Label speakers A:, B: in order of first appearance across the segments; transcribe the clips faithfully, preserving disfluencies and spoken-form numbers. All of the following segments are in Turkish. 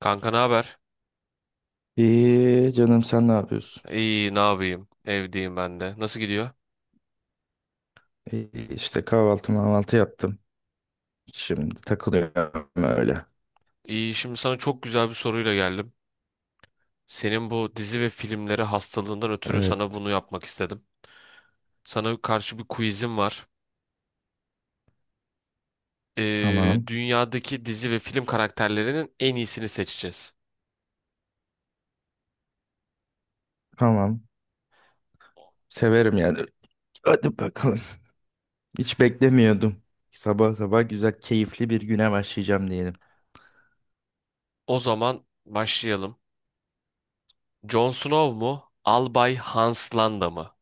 A: Kanka ne haber?
B: İyi canım, sen ne yapıyorsun?
A: İyi ne yapayım? Evdeyim ben de. Nasıl gidiyor?
B: İyi işte kahvaltı mahvaltı yaptım. Şimdi takılıyorum öyle.
A: İyi, şimdi sana çok güzel bir soruyla geldim. Senin bu dizi ve filmleri hastalığından ötürü sana
B: Evet,
A: bunu yapmak istedim. Sana karşı bir quizim var. Ee,
B: tamam
A: dünyadaki dizi ve film karakterlerinin en iyisini seçeceğiz.
B: tamam. Severim yani. Hadi bakalım. Hiç beklemiyordum. Sabah sabah güzel keyifli bir güne başlayacağım diyelim.
A: O zaman başlayalım. Jon Snow mu? Albay Hans Landa mı?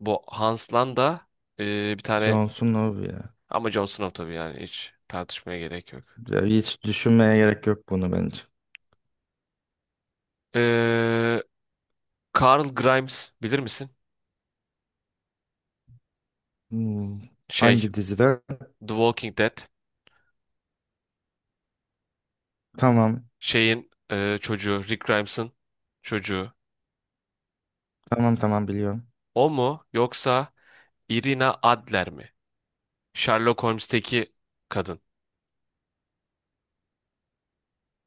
A: Bu Hans Landa ee, bir tane
B: Johnson Love ya.
A: ama Jon Snow tabii, yani hiç tartışmaya gerek yok.
B: Ya hiç düşünmeye gerek yok bunu bence.
A: Ee, Carl Grimes bilir misin?
B: Hmm,
A: Şey,
B: Hangi dizide?
A: The Walking Dead
B: Tamam
A: şeyin e, çocuğu, Rick Grimes'ın çocuğu.
B: tamam tamam, biliyorum.
A: O mu yoksa Irina Adler mi? Sherlock Holmes'teki kadın.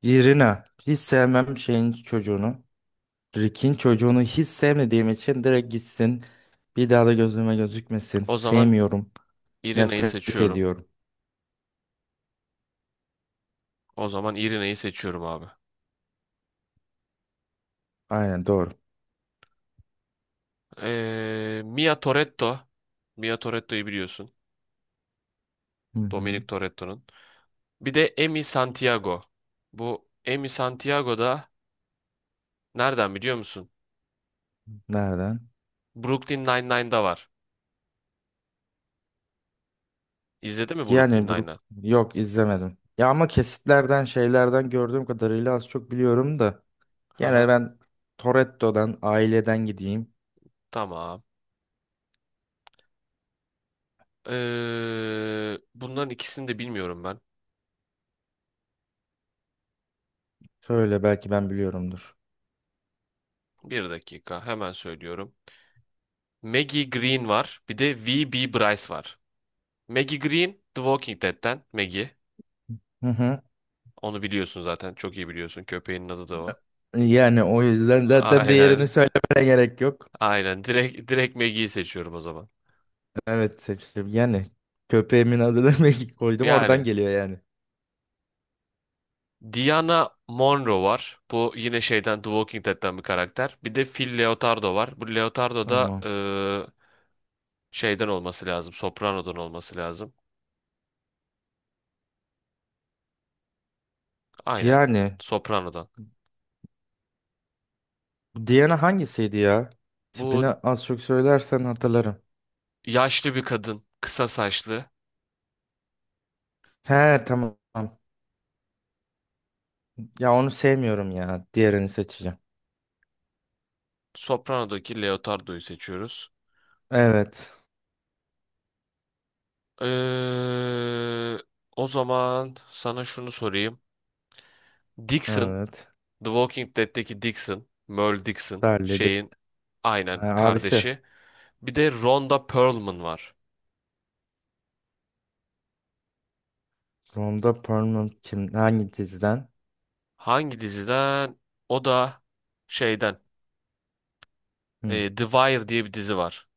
B: Irina. Hiç sevmem şeyin çocuğunu. Rick'in çocuğunu hiç sevmediğim için direkt gitsin. Bir daha da gözüme gözükmesin.
A: O zaman
B: Sevmiyorum.
A: Irina'yı
B: Nefret
A: seçiyorum.
B: ediyorum.
A: O zaman Irina'yı seçiyorum abi.
B: Aynen, doğru.
A: Ee, Mia Toretto. Mia Toretto'yu biliyorsun.
B: Hı hı.
A: Dominic Toretto'nun. Bir de Amy Santiago. Bu Amy Santiago da nereden biliyor musun?
B: Nereden?
A: Brooklyn Nine-Nine'da var. İzledin mi Brooklyn
B: Yani Brook
A: Nine-Nine?
B: yok, izlemedim. Ya ama kesitlerden şeylerden gördüğüm kadarıyla az çok biliyorum da. Gene
A: Haha.
B: ben Toretto'dan, aileden gideyim.
A: Tamam. Ee, bunların ikisini de bilmiyorum ben.
B: Şöyle belki ben biliyorumdur.
A: Bir dakika hemen söylüyorum. Maggie Green var. Bir de V. B. Bryce var. Maggie Green The Walking Dead'ten Maggie.
B: Hı hı.
A: Onu biliyorsun zaten. Çok iyi biliyorsun. Köpeğinin adı da o.
B: Yani o yüzden zaten
A: Aynen.
B: diğerini söylemene gerek yok.
A: Aynen. Direkt, direkt Maggie'yi seçiyorum o zaman.
B: Evet, seçtim. Yani köpeğimin adını Maggie koydum, oradan
A: Yani
B: geliyor yani.
A: Diana Monroe var. Bu yine şeyden The Walking Dead'ten bir karakter. Bir de Phil Leotardo var. Bu Leotardo da
B: Tamam.
A: ee, şeyden olması lazım. Soprano'dan olması lazım. Aynen.
B: Yani
A: Soprano'dan.
B: bu Diana hangisiydi ya? Tipini
A: Bu
B: az çok söylersen hatırlarım.
A: yaşlı bir kadın, kısa saçlı.
B: He, tamam. Ya onu sevmiyorum ya. Diğerini seçeceğim.
A: Soprano'daki Leotardo'yu seçiyoruz.
B: Evet.
A: Ee, O zaman sana şunu sorayım. Dixon,
B: Evet.
A: The Walking Dead'teki Dixon, Merle Dixon,
B: Darledi.
A: şeyin aynen
B: Ha, abisi.
A: kardeşi. Bir de Rhonda Perlman var.
B: Ronda Perlman kim? Hangi diziden?
A: Hangi diziden? O da şeyden,
B: Hı.
A: e, The Wire diye bir dizi var.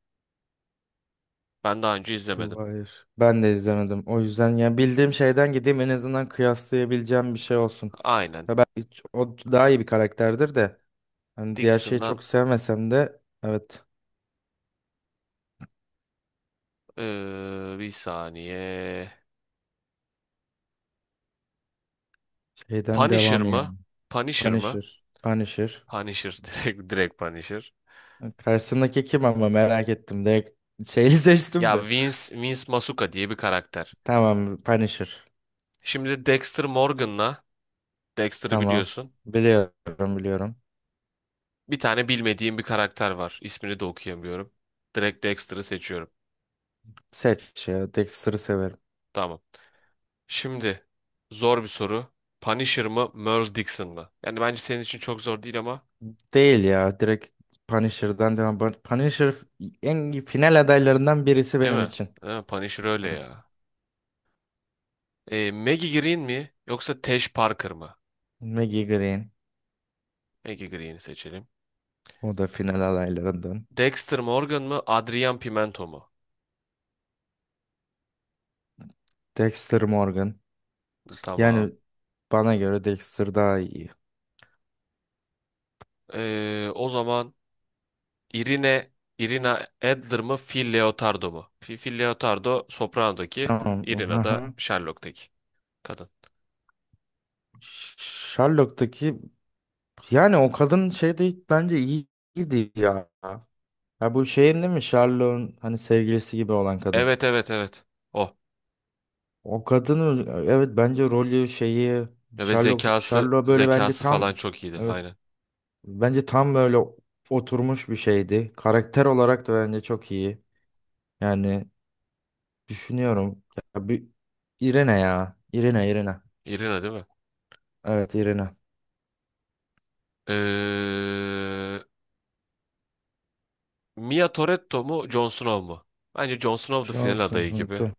A: Ben daha önce
B: The
A: izlemedim.
B: Wire. Ben de izlemedim. O yüzden ya bildiğim şeyden gideyim, en azından kıyaslayabileceğim bir şey olsun.
A: Aynen.
B: Ya ben hiç- o daha iyi bir karakterdir de. Hani diğer şeyi
A: Dixon'dan
B: çok sevmesem de evet,
A: ee, bir saniye.
B: şeyden
A: Punisher
B: devam yani.
A: mı? Punisher mı?
B: Punisher. Punisher.
A: Punisher direkt direkt Punisher.
B: Karşısındaki kim ama, merak ettim. Direkt şeyi seçtim
A: Ya
B: de.
A: Vince Vince Masuka diye bir karakter.
B: Tamam, Punisher.
A: Şimdi Dexter Morgan'la Dexter'ı
B: Tamam.
A: biliyorsun.
B: Biliyorum biliyorum.
A: Bir tane bilmediğim bir karakter var. İsmini de okuyamıyorum. Direkt Dexter'ı seçiyorum.
B: Seç ya. Dexter'ı severim.
A: Tamam. Şimdi zor bir soru. Punisher mı, Merle Dixon mı? Yani bence senin için çok zor değil ama,
B: Değil ya. Direkt Punisher'dan devam. Pun- Punisher en final adaylarından birisi
A: değil
B: benim
A: mi?
B: için.
A: Ha, Punisher öyle
B: Evet.
A: ya. E, Maggie Green mi yoksa Tesh Parker mı?
B: Maggie Green.
A: Maggie Green'i seçelim.
B: O da final adaylarından.
A: Dexter Morgan mı, Adrian Pimento mu?
B: Dexter Morgan.
A: Tamam.
B: Yani bana göre Dexter daha iyi.
A: Ee, o zaman Irine Irina Adler mı Phil Leotardo mu? Fi- Phil Leotardo Soprano'daki,
B: Tamam.
A: Irina da
B: Aha.
A: Sherlock'taki kadın.
B: Sherlock'taki. Yani o kadın şey değil, bence iyi- iyiydi ya. Ya bu şeyin değil mi? Charlotte'un hani sevgilisi gibi olan kadın.
A: Evet evet evet. O.
B: O kadının, evet, bence rolü şeyi.
A: Ve
B: Charlotte
A: zekası
B: Charlotte böyle, bence
A: zekası falan
B: tam,
A: çok iyiydi.
B: evet,
A: Aynen.
B: bence tam böyle oturmuş bir şeydi. Karakter olarak da bence çok iyi. Yani düşünüyorum, ya bir Irene ya. Irene Irene.
A: Irina değil mi?
B: Evet, Irene.
A: Ee, Mia Toretto mu Jon Snow mu? Bence Jon Snow da final
B: Johnson
A: adayı gibi.
B: Johnson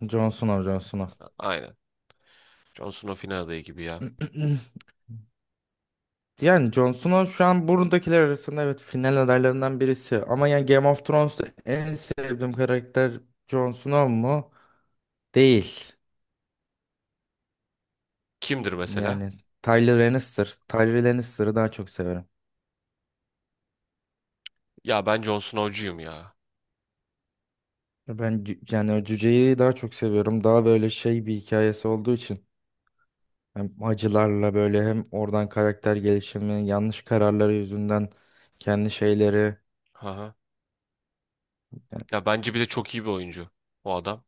B: Johnson.
A: Aynen. Jon Snow final adayı gibi ya.
B: Johnson. Yani Jon Snow şu an buradakiler arasında evet final adaylarından birisi. Ama yani Game of Thrones'ta en sevdiğim karakter Jon Snow mu? Değil.
A: Kimdir mesela?
B: Yani Tyler Lannister. Tyler Lannister'ı daha çok severim.
A: Ya ben Jon Snow'cuyum ya.
B: Ben cü- yani o cüceyi daha çok seviyorum. Daha böyle şey, bir hikayesi olduğu için. Hem acılarla böyle, hem oradan karakter gelişimi, yanlış kararları yüzünden kendi şeyleri.
A: Hı hı.
B: Yani,
A: Ya bence bir de çok iyi bir oyuncu o adam.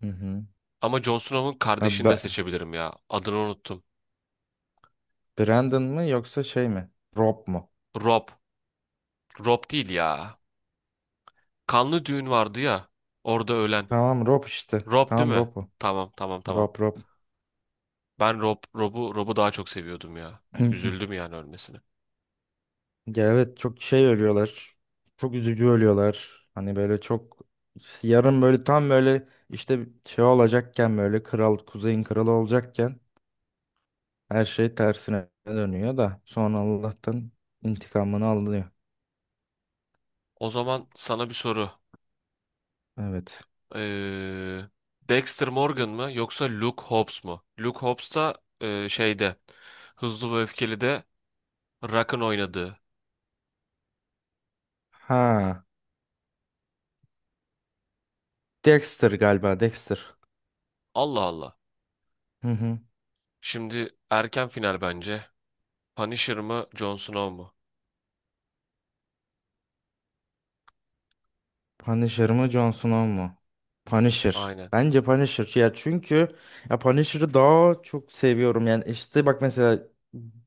B: hı hı.
A: Ama Jon Snow'un
B: Ha,
A: kardeşini de
B: Be-
A: seçebilirim ya. Adını unuttum.
B: Brandon mı yoksa şey mi? Rob mu?
A: Rob. Rob değil ya. Kanlı düğün vardı ya. Orada ölen.
B: Tamam, Rob işte.
A: Rob değil
B: Tamam,
A: mi?
B: Rob o.
A: Tamam tamam tamam.
B: Rob Rob.
A: Ben Rob, Rob'u Rob'u daha çok seviyordum ya. Üzüldüm yani ölmesine.
B: Ya evet, çok şey ölüyorlar. Çok üzücü ölüyorlar. Hani böyle çok yarın böyle tam böyle işte şey olacakken, böyle kral, kuzeyin kralı olacakken her şey tersine dönüyor da sonra Allah'tan intikamını alıyor.
A: O zaman sana bir soru.
B: Evet.
A: Ee, Dexter Morgan mı yoksa Luke Hobbs mu? Luke Hobbs da e, şeyde Hızlı ve Öfkeli'de Rock'ın oynadığı.
B: Ha. Dexter galiba, Dexter.
A: Allah Allah. Şimdi erken final bence. Punisher mı, Jon Snow mu?
B: Punisher mı, Jon Snow mu? Punisher.
A: Aynen.
B: Bence Punisher. Ya çünkü ya Punisher'ı daha çok seviyorum. Yani işte bak mesela,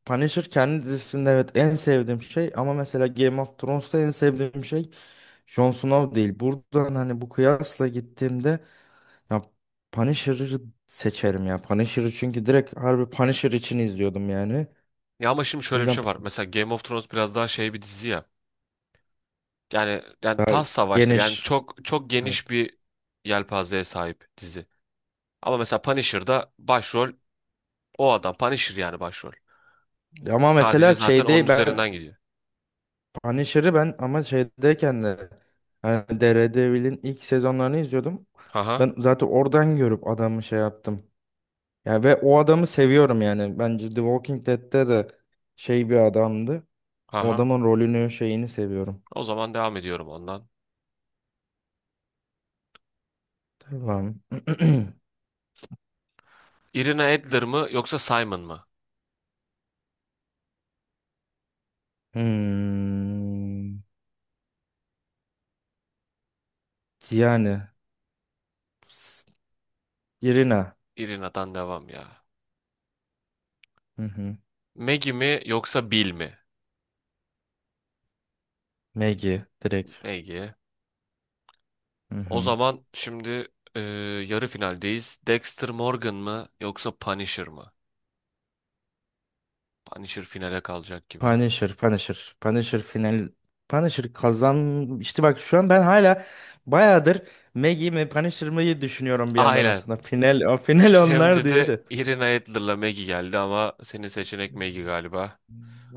B: Punisher kendi dizisinde evet en sevdiğim şey, ama mesela Game of Thrones'ta en sevdiğim şey Jon Snow değil. Buradan hani bu kıyasla gittiğimde ya Punisher'ı seçerim ya. Punisher'ı çünkü direkt harbi Punisher için izliyordum yani.
A: Ya ama şimdi
B: O
A: şöyle bir
B: yüzden
A: şey var. Mesela Game of Thrones biraz daha şey bir dizi ya. Yani yani
B: daha
A: taht savaşları. Yani
B: geniş.
A: çok çok
B: Evet.
A: geniş bir yelpazeye sahip dizi. Ama mesela Punisher'da başrol o adam. Punisher yani başrol.
B: Ama
A: Sadece
B: mesela
A: zaten onun
B: şeyde ben
A: üzerinden gidiyor.
B: Punisher'ı, ben ama şeydeyken de hani Daredevil'in ilk sezonlarını izliyordum.
A: Haha.
B: Ben zaten oradan görüp adamı şey yaptım. Ya ve o adamı seviyorum yani. Bence The Walking Dead'te de şey bir adamdı. O
A: Haha.
B: adamın rolünü, şeyini seviyorum.
A: O zaman devam ediyorum ondan.
B: Tamam.
A: Irina Adler mı yoksa Simon mı?
B: Hmm. Yani s- Irina.
A: Irina'dan devam ya.
B: Hı hı.
A: Maggie mi yoksa Bill mi?
B: Maggie direkt.
A: Maggie.
B: Hı
A: O
B: hı.
A: zaman şimdi e, yarı finaldeyiz. Dexter Morgan mı yoksa Punisher mı? Punisher finale kalacak gibi.
B: Punisher, Punisher, Punisher final, Punisher kazan. İşte bak şu an ben hala bayağıdır Maggie mi Punisher mı düşünüyorum bir yandan
A: Aynen.
B: aslında. Final, o final onlar
A: Şimdi
B: diye
A: de
B: de.
A: Irina Adler'la Maggie geldi ama senin seçenek Maggie galiba.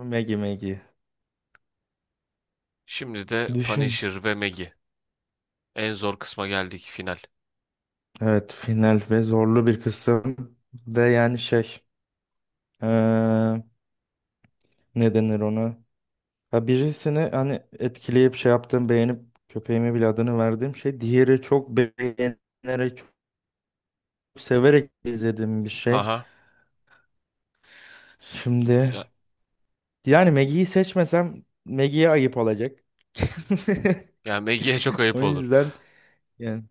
B: Maggie, Maggie.
A: Şimdi de
B: Düşün.
A: Punisher ve Maggie. En zor kısma geldik final.
B: Evet, final ve zorlu bir kısım ve yani şey, eee ne denir ona? Ha, birisini hani etkileyip şey yaptığım, beğenip köpeğime bile adını verdiğim şey, diğeri çok beğenerek, çok severek izlediğim bir şey.
A: Haha.
B: Şimdi,
A: Ya,
B: yani Maggie'yi seçmesem Maggie'ye ayıp olacak.
A: ya Maggie'ye çok ayıp
B: O
A: olur.
B: yüzden yani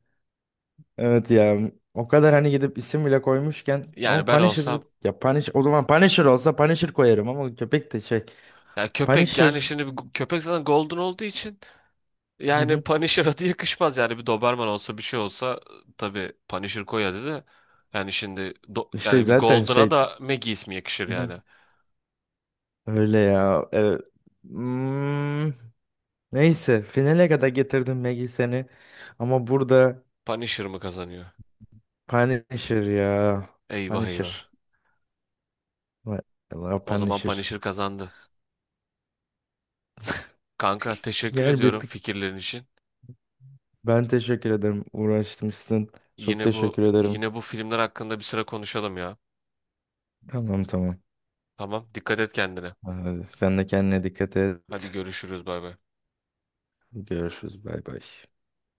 B: evet ya, o kadar hani gidip isim bile koymuşken ama
A: Yani ben
B: Punisher
A: olsam
B: ya, Punisher o zaman, Punisher olsa Punisher koyarım ama köpek de şey,
A: ya köpek, yani
B: Punisher.
A: şimdi bu köpek zaten golden olduğu için
B: Hı
A: yani
B: hı.
A: Punisher adı yakışmaz, yani bir Doberman olsa bir şey olsa tabii Punisher koy adı da, yani şimdi do-
B: işte
A: yani bir
B: zaten
A: Golden'a
B: şey.
A: da Maggie ismi yakışır
B: Hı hı.
A: yani.
B: Öyle ya, evet. Hmm, neyse finale kadar getirdim Maggie, seni ama burada
A: Punisher mı kazanıyor?
B: Punisher ya,
A: Eyvah eyvah.
B: Punisher. Vay Allah,
A: O zaman
B: Punisher.
A: Punisher kazandı. Kanka teşekkür
B: Gel bir
A: ediyorum
B: tık.
A: fikirlerin için.
B: Ben teşekkür ederim. Uğraşmışsın. Çok
A: Yine bu
B: teşekkür ederim.
A: yine bu filmler hakkında bir sıra konuşalım ya.
B: Tamam tamam.
A: Tamam dikkat et kendine.
B: Ee, Sen de kendine dikkat
A: Hadi
B: et.
A: görüşürüz bay bay.
B: Görüşürüz. Bay bay.